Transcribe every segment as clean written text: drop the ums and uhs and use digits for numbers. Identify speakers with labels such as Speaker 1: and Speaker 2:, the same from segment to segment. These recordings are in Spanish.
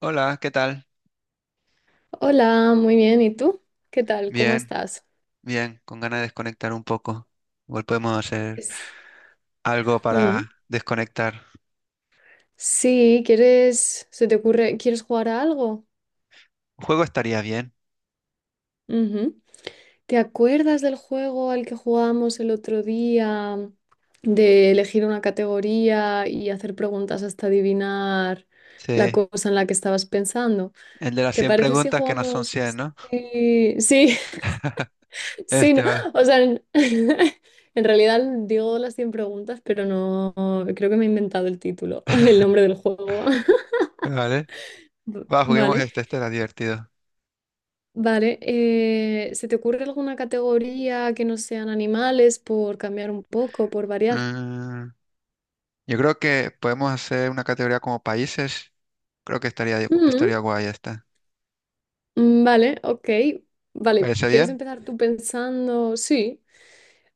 Speaker 1: Hola, ¿qué tal?
Speaker 2: Hola, muy bien. ¿Y tú? ¿Qué tal? ¿Cómo
Speaker 1: Bien,
Speaker 2: estás?
Speaker 1: bien, con ganas de desconectar un poco. Igual podemos hacer
Speaker 2: Pues,
Speaker 1: algo
Speaker 2: Mm.
Speaker 1: para desconectar.
Speaker 2: Sí, ¿quieres jugar a algo?
Speaker 1: Un juego estaría bien.
Speaker 2: Ujú. ¿Te acuerdas del juego al que jugamos el otro día de elegir una categoría y hacer preguntas hasta adivinar la
Speaker 1: Sí,
Speaker 2: cosa en la que estabas pensando?
Speaker 1: el de las
Speaker 2: ¿Te
Speaker 1: 100
Speaker 2: parece si
Speaker 1: preguntas que no son
Speaker 2: jugamos?
Speaker 1: 100, ¿no?
Speaker 2: Sí, sí. Sí, no,
Speaker 1: Este va,
Speaker 2: o sea, en realidad digo las 100 preguntas, pero no, creo que me he inventado el título, el nombre del juego.
Speaker 1: vale. Va, juguemos
Speaker 2: Vale,
Speaker 1: este, este era divertido.
Speaker 2: vale. ¿Se te ocurre alguna categoría que no sean animales por cambiar un poco, por variar?
Speaker 1: Mm, yo creo que podemos hacer una categoría como países. Creo que estaría,
Speaker 2: Mm,
Speaker 1: estaría guay esta.
Speaker 2: vale, ok. Vale,
Speaker 1: ¿Parece
Speaker 2: ¿quieres
Speaker 1: bien?
Speaker 2: empezar tú pensando? Sí.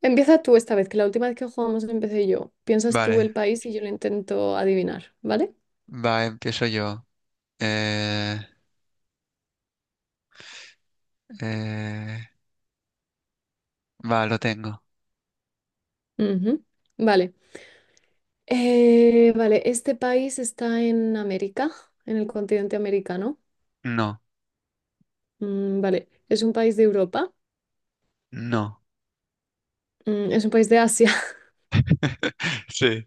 Speaker 2: Empieza tú esta vez, que la última vez que jugamos empecé yo. Piensas tú
Speaker 1: Vale,
Speaker 2: el país y yo lo intento adivinar, ¿vale?
Speaker 1: va, empiezo yo. Eh, eh, va, lo tengo.
Speaker 2: Ujú. Vale. Vale, este país está en América, en el continente americano.
Speaker 1: No,
Speaker 2: Vale, es un país de Europa.
Speaker 1: no.
Speaker 2: Es un país de Asia.
Speaker 1: Sí.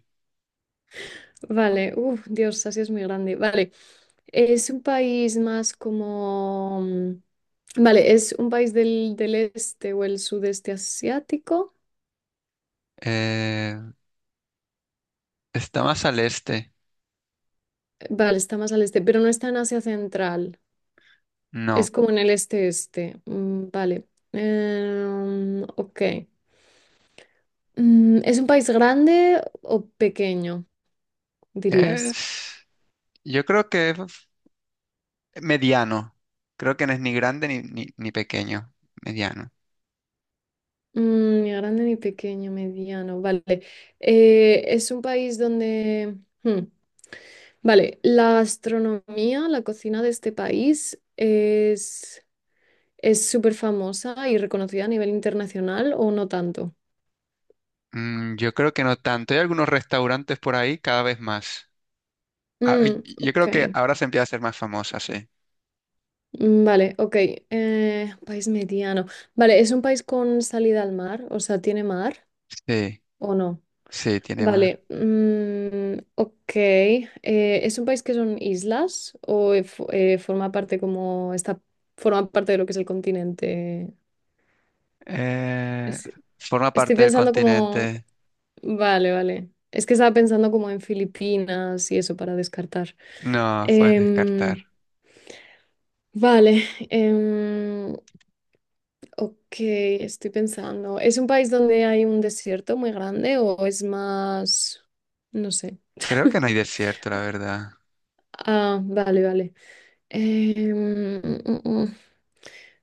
Speaker 2: Vale, Dios, Asia es muy grande. Vale, es un país más como... vale, es un país del este o el sudeste asiático.
Speaker 1: Eh, está más al este.
Speaker 2: Vale, está más al este, pero no está en Asia Central. Es
Speaker 1: No.
Speaker 2: como en el este-este. Ok. ¿Es un país grande o pequeño? Dirías.
Speaker 1: Es. Yo creo que es mediano. Creo que no es ni grande ni pequeño. Mediano.
Speaker 2: Ni grande ni pequeño, mediano. Vale. Es un país donde... hmm, vale, la gastronomía, la cocina de este país es súper famosa y reconocida a nivel internacional o no tanto.
Speaker 1: Yo creo que no tanto. Hay algunos restaurantes por ahí cada vez más. Ah,
Speaker 2: Mm,
Speaker 1: y yo
Speaker 2: ok,
Speaker 1: creo que ahora se empieza a ser más famosa, sí.
Speaker 2: Vale, ok. País mediano. Vale, ¿es un país con salida al mar? O sea, ¿tiene mar
Speaker 1: Sí,
Speaker 2: o no?
Speaker 1: sí, tiene mar.
Speaker 2: Vale, ok. ¿Es un país que son islas o forma parte como forma parte de lo que es el continente?
Speaker 1: Eh,
Speaker 2: Es-
Speaker 1: forma
Speaker 2: Estoy
Speaker 1: parte del
Speaker 2: pensando como,
Speaker 1: continente.
Speaker 2: vale, vale. Es que estaba pensando como en Filipinas y eso para descartar.
Speaker 1: No, puedes descartar.
Speaker 2: Em, vale, em, ok, estoy pensando. ¿Es un país donde hay un desierto muy grande o es más, no sé?
Speaker 1: Creo que no hay desierto, la verdad.
Speaker 2: Ah, vale, vale. Em, mm, mm, mm.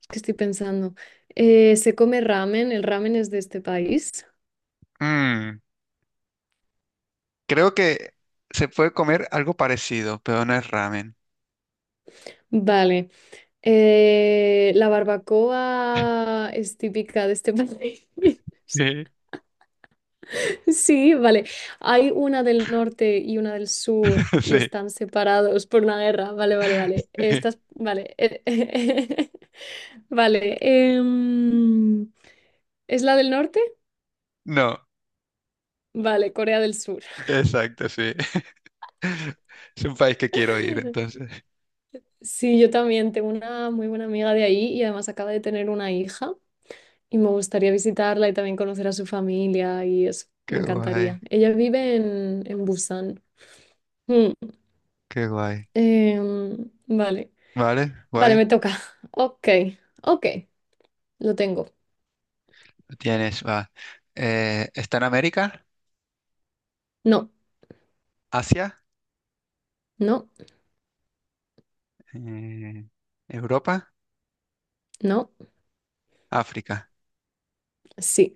Speaker 2: Es que estoy pensando. ¿Se come ramen? El ramen es de este país.
Speaker 1: Mm, Creo que se puede comer algo parecido, pero no es ramen.
Speaker 2: Vale. ¿La barbacoa es típica de este país?
Speaker 1: Sí,
Speaker 2: Sí, vale. Hay una del norte y una del sur y
Speaker 1: sí,
Speaker 2: están separados por una guerra. Vale, vale, vale.
Speaker 1: sí.
Speaker 2: Vale. Vale. ¿Es la del norte?
Speaker 1: No,
Speaker 2: Vale, Corea del Sur.
Speaker 1: exacto, sí. Es un país que quiero ir, entonces.
Speaker 2: Sí, yo también tengo una muy buena amiga de ahí y además acaba de tener una hija y me gustaría visitarla y también conocer a su familia y eso, me
Speaker 1: Qué guay,
Speaker 2: encantaría. Ella vive en Busan. Mm,
Speaker 1: qué guay.
Speaker 2: vale,
Speaker 1: Vale,
Speaker 2: vale,
Speaker 1: guay.
Speaker 2: me toca. Ok, ok, lo tengo.
Speaker 1: Lo tienes, va. ¿Está en América?
Speaker 2: No,
Speaker 1: ¿Asia?
Speaker 2: no,
Speaker 1: Eh, ¿Europa?
Speaker 2: no,
Speaker 1: ¿África?
Speaker 2: sí.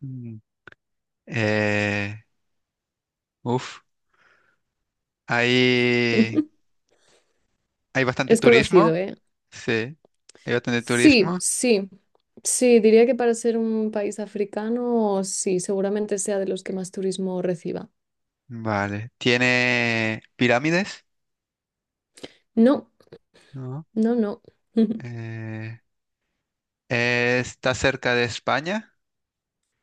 Speaker 1: Mm. Eh, uf. Hay, hay bastante
Speaker 2: Es conocido,
Speaker 1: turismo.
Speaker 2: ¿eh?
Speaker 1: Sí, hay bastante
Speaker 2: Sí,
Speaker 1: turismo.
Speaker 2: sí, sí, diría que para ser un país africano, sí, seguramente sea de los que más turismo reciba.
Speaker 1: Vale. ¿Tiene pirámides?
Speaker 2: No,
Speaker 1: No.
Speaker 2: no, no.
Speaker 1: Eh, ¿Está cerca de España?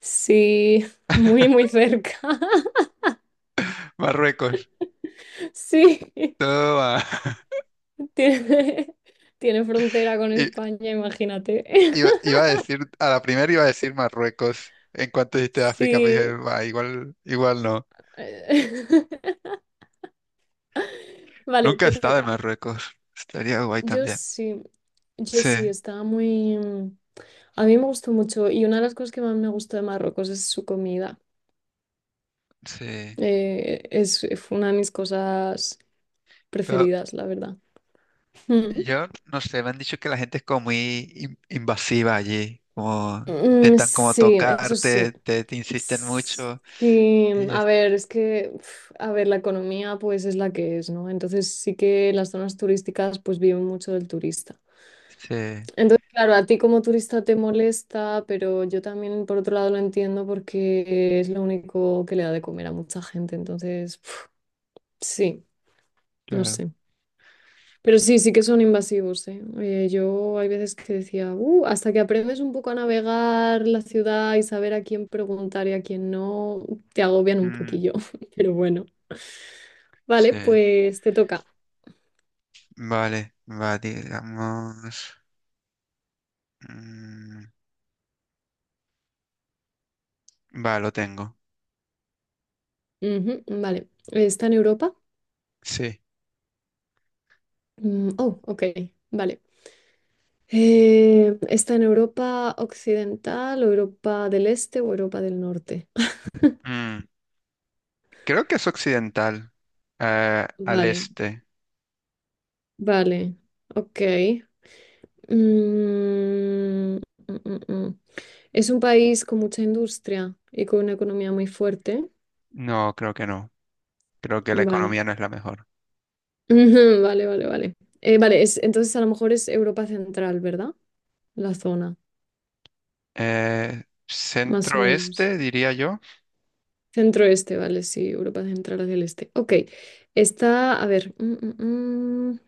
Speaker 2: Sí, muy, muy cerca.
Speaker 1: Marruecos.
Speaker 2: Sí,
Speaker 1: Toma.
Speaker 2: tiene, tiene frontera con
Speaker 1: I-
Speaker 2: España, imagínate.
Speaker 1: Iba, iba a decir, a la primera iba a decir Marruecos. En cuanto dijiste África, pues dije,
Speaker 2: Sí.
Speaker 1: "Bah, igual, igual no.
Speaker 2: Vale,
Speaker 1: Nunca he
Speaker 2: te
Speaker 1: estado en
Speaker 2: toca.
Speaker 1: Marruecos. Estaría guay
Speaker 2: Yo
Speaker 1: también.
Speaker 2: sí, yo
Speaker 1: Sí,
Speaker 2: sí, estaba muy... a mí me gustó mucho y una de las cosas que más me gustó de Marruecos es su comida.
Speaker 1: sí.
Speaker 2: Fue una de mis cosas
Speaker 1: Pero
Speaker 2: preferidas, la verdad. Mm.
Speaker 1: yo no sé, me han dicho que la gente es como muy invasiva allí. Como
Speaker 2: Mm,
Speaker 1: intentan como
Speaker 2: sí, eso sí.
Speaker 1: tocarte, te insisten mucho.
Speaker 2: Sí,
Speaker 1: Y
Speaker 2: a
Speaker 1: es-
Speaker 2: ver, es que, a ver, la economía pues es la que es, ¿no? Entonces sí que las zonas turísticas pues viven mucho del turista.
Speaker 1: sí.
Speaker 2: Entonces, claro, a ti como turista te molesta, pero yo también por otro lado lo entiendo porque es lo único que le da de comer a mucha gente. Entonces, sí, no
Speaker 1: Claro.
Speaker 2: sé. Pero sí, sí que son invasivos, ¿eh? Yo hay veces que decía, hasta que aprendes un poco a navegar la ciudad y saber a quién preguntar y a quién no, te agobian un
Speaker 1: Mm,
Speaker 2: poquillo. Pero bueno, vale,
Speaker 1: sí.
Speaker 2: pues te toca.
Speaker 1: Vale, va, digamos. mm, va, lo tengo.
Speaker 2: Ujú, vale, ¿está en Europa?
Speaker 1: Sí.
Speaker 2: Oh, ok, vale. ¿Está en Europa occidental, o Europa del Este o Europa del Norte?
Speaker 1: Mm, creo que es occidental. Al
Speaker 2: Vale,
Speaker 1: este.
Speaker 2: vale, ok. Mm, mm, mm, mm. Es un país con mucha industria y con una economía muy fuerte.
Speaker 1: No, creo que no. Creo que la
Speaker 2: Vale.
Speaker 1: economía no es la mejor.
Speaker 2: Ujú, vale, vale, vale. Entonces a lo mejor es Europa Central, ¿verdad? La zona, más o menos.
Speaker 1: Centro-este, diría yo.
Speaker 2: Centro-este, vale, sí, Europa Central hacia el este. Ok, está, a ver,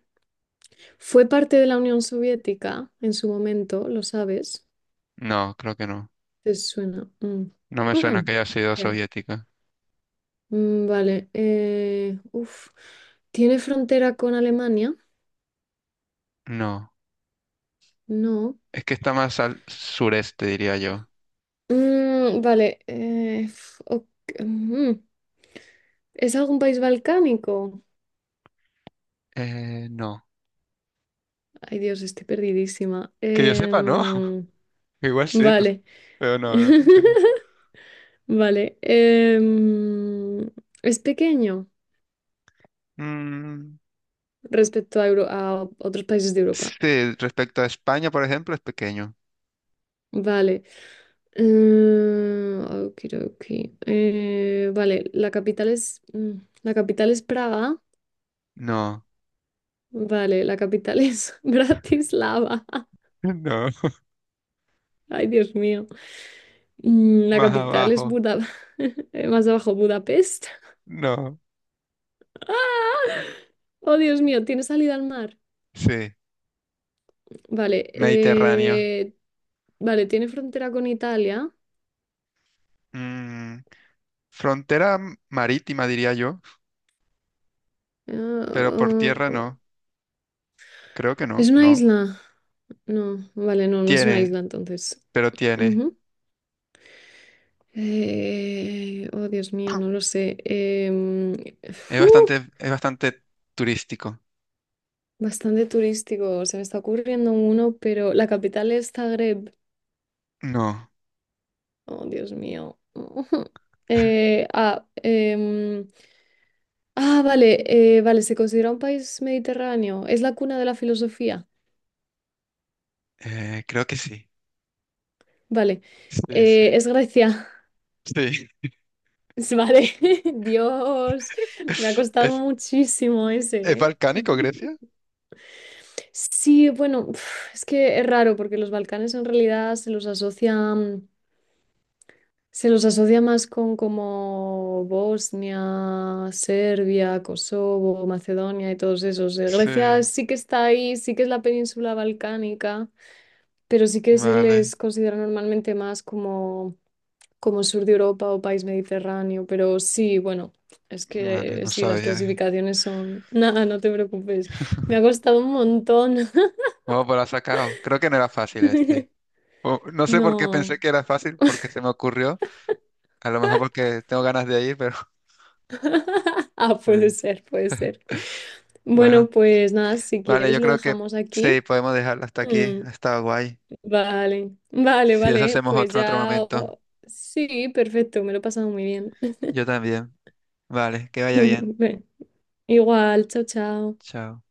Speaker 2: Fue parte de la Unión Soviética en su momento, ¿lo sabes?
Speaker 1: No, creo que no.
Speaker 2: ¿Te suena? Mm.
Speaker 1: No me suena
Speaker 2: Mm,
Speaker 1: que haya sido
Speaker 2: ok.
Speaker 1: soviética.
Speaker 2: Vale. Uf. ¿Tiene frontera con Alemania?
Speaker 1: No.
Speaker 2: No.
Speaker 1: Es que está más al sureste, diría yo.
Speaker 2: Vale. Ok, mm, ¿es algún país balcánico?
Speaker 1: No.
Speaker 2: Ay, Dios, estoy perdidísima.
Speaker 1: Que yo sepa, no. Igual sí, no sé.
Speaker 2: Vale.
Speaker 1: Pero no, no creo que no.
Speaker 2: Vale. em, ¿Es pequeño
Speaker 1: Mm,
Speaker 2: respecto a, a otros países de Europa?
Speaker 1: sí, respecto a España, por ejemplo, es pequeño.
Speaker 2: Vale. Eh, Okidoki. Vale, la capital es. La capital es Praga.
Speaker 1: No,
Speaker 2: Vale, la capital es Bratislava.
Speaker 1: no,
Speaker 2: Ay, Dios mío. La
Speaker 1: más
Speaker 2: capital es
Speaker 1: abajo,
Speaker 2: Buda. Más abajo, Budapest.
Speaker 1: no.
Speaker 2: ¡Ah! Oh, Dios mío, tiene salida al mar.
Speaker 1: Sí,
Speaker 2: Vale,
Speaker 1: Mediterráneo.
Speaker 2: vale, tiene frontera con Italia.
Speaker 1: Mm, frontera marítima, diría yo, pero por
Speaker 2: Ah,
Speaker 1: tierra no. Creo que
Speaker 2: ¿Es
Speaker 1: no,
Speaker 2: una
Speaker 1: no.
Speaker 2: isla? No, vale, no, no es una
Speaker 1: Tiene,
Speaker 2: isla entonces.
Speaker 1: pero tiene.
Speaker 2: Ujú. Oh, Dios mío, no lo sé. Fu,
Speaker 1: Es bastante turístico.
Speaker 2: Bastante turístico. Se me está ocurriendo uno, pero la capital es Zagreb.
Speaker 1: No,
Speaker 2: Oh, Dios mío. Eh, ah, em, vale, vale, se considera un país mediterráneo. Es la cuna de la filosofía.
Speaker 1: creo que sí.
Speaker 2: Vale,
Speaker 1: Sí, sí,
Speaker 2: Es Grecia.
Speaker 1: sí.
Speaker 2: Vale, Dios, me ha costado
Speaker 1: ¿Es,
Speaker 2: muchísimo ese,
Speaker 1: es
Speaker 2: ¿eh?
Speaker 1: balcánico, Grecia?
Speaker 2: Sí, bueno, es que es raro porque los Balcanes en realidad se los asocia más con como Bosnia, Serbia, Kosovo, Macedonia y todos esos.
Speaker 1: Sí,
Speaker 2: Grecia sí que está ahí, sí que es la península balcánica, pero sí que se
Speaker 1: vale,
Speaker 2: les considera normalmente como sur de Europa o país mediterráneo. Pero sí, bueno, es
Speaker 1: vale,
Speaker 2: que
Speaker 1: no
Speaker 2: sí, las
Speaker 1: sabía.
Speaker 2: clasificaciones son... Nada, no te preocupes. Me ha costado un montón.
Speaker 1: Oh, pero lo sacado. Creo que no era fácil este. No sé por qué
Speaker 2: No.
Speaker 1: pensé que era fácil, porque se me ocurrió. A lo mejor porque tengo ganas de ir, pero
Speaker 2: Ah, puede
Speaker 1: eh,
Speaker 2: ser, puede ser. Bueno,
Speaker 1: bueno.
Speaker 2: pues nada, si
Speaker 1: Vale,
Speaker 2: quieres
Speaker 1: yo
Speaker 2: lo
Speaker 1: creo que
Speaker 2: dejamos
Speaker 1: sí,
Speaker 2: aquí.
Speaker 1: podemos dejarlo hasta aquí.
Speaker 2: Mm,
Speaker 1: Ha estado guay.
Speaker 2: vale, vale,
Speaker 1: Si eso
Speaker 2: vale,
Speaker 1: hacemos
Speaker 2: pues
Speaker 1: otro en otro
Speaker 2: ya.
Speaker 1: momento.
Speaker 2: Oh, sí, perfecto, me lo he pasado muy bien.
Speaker 1: Yo también. Vale, que vaya bien.
Speaker 2: Ven, igual, chao, chao.
Speaker 1: Chao.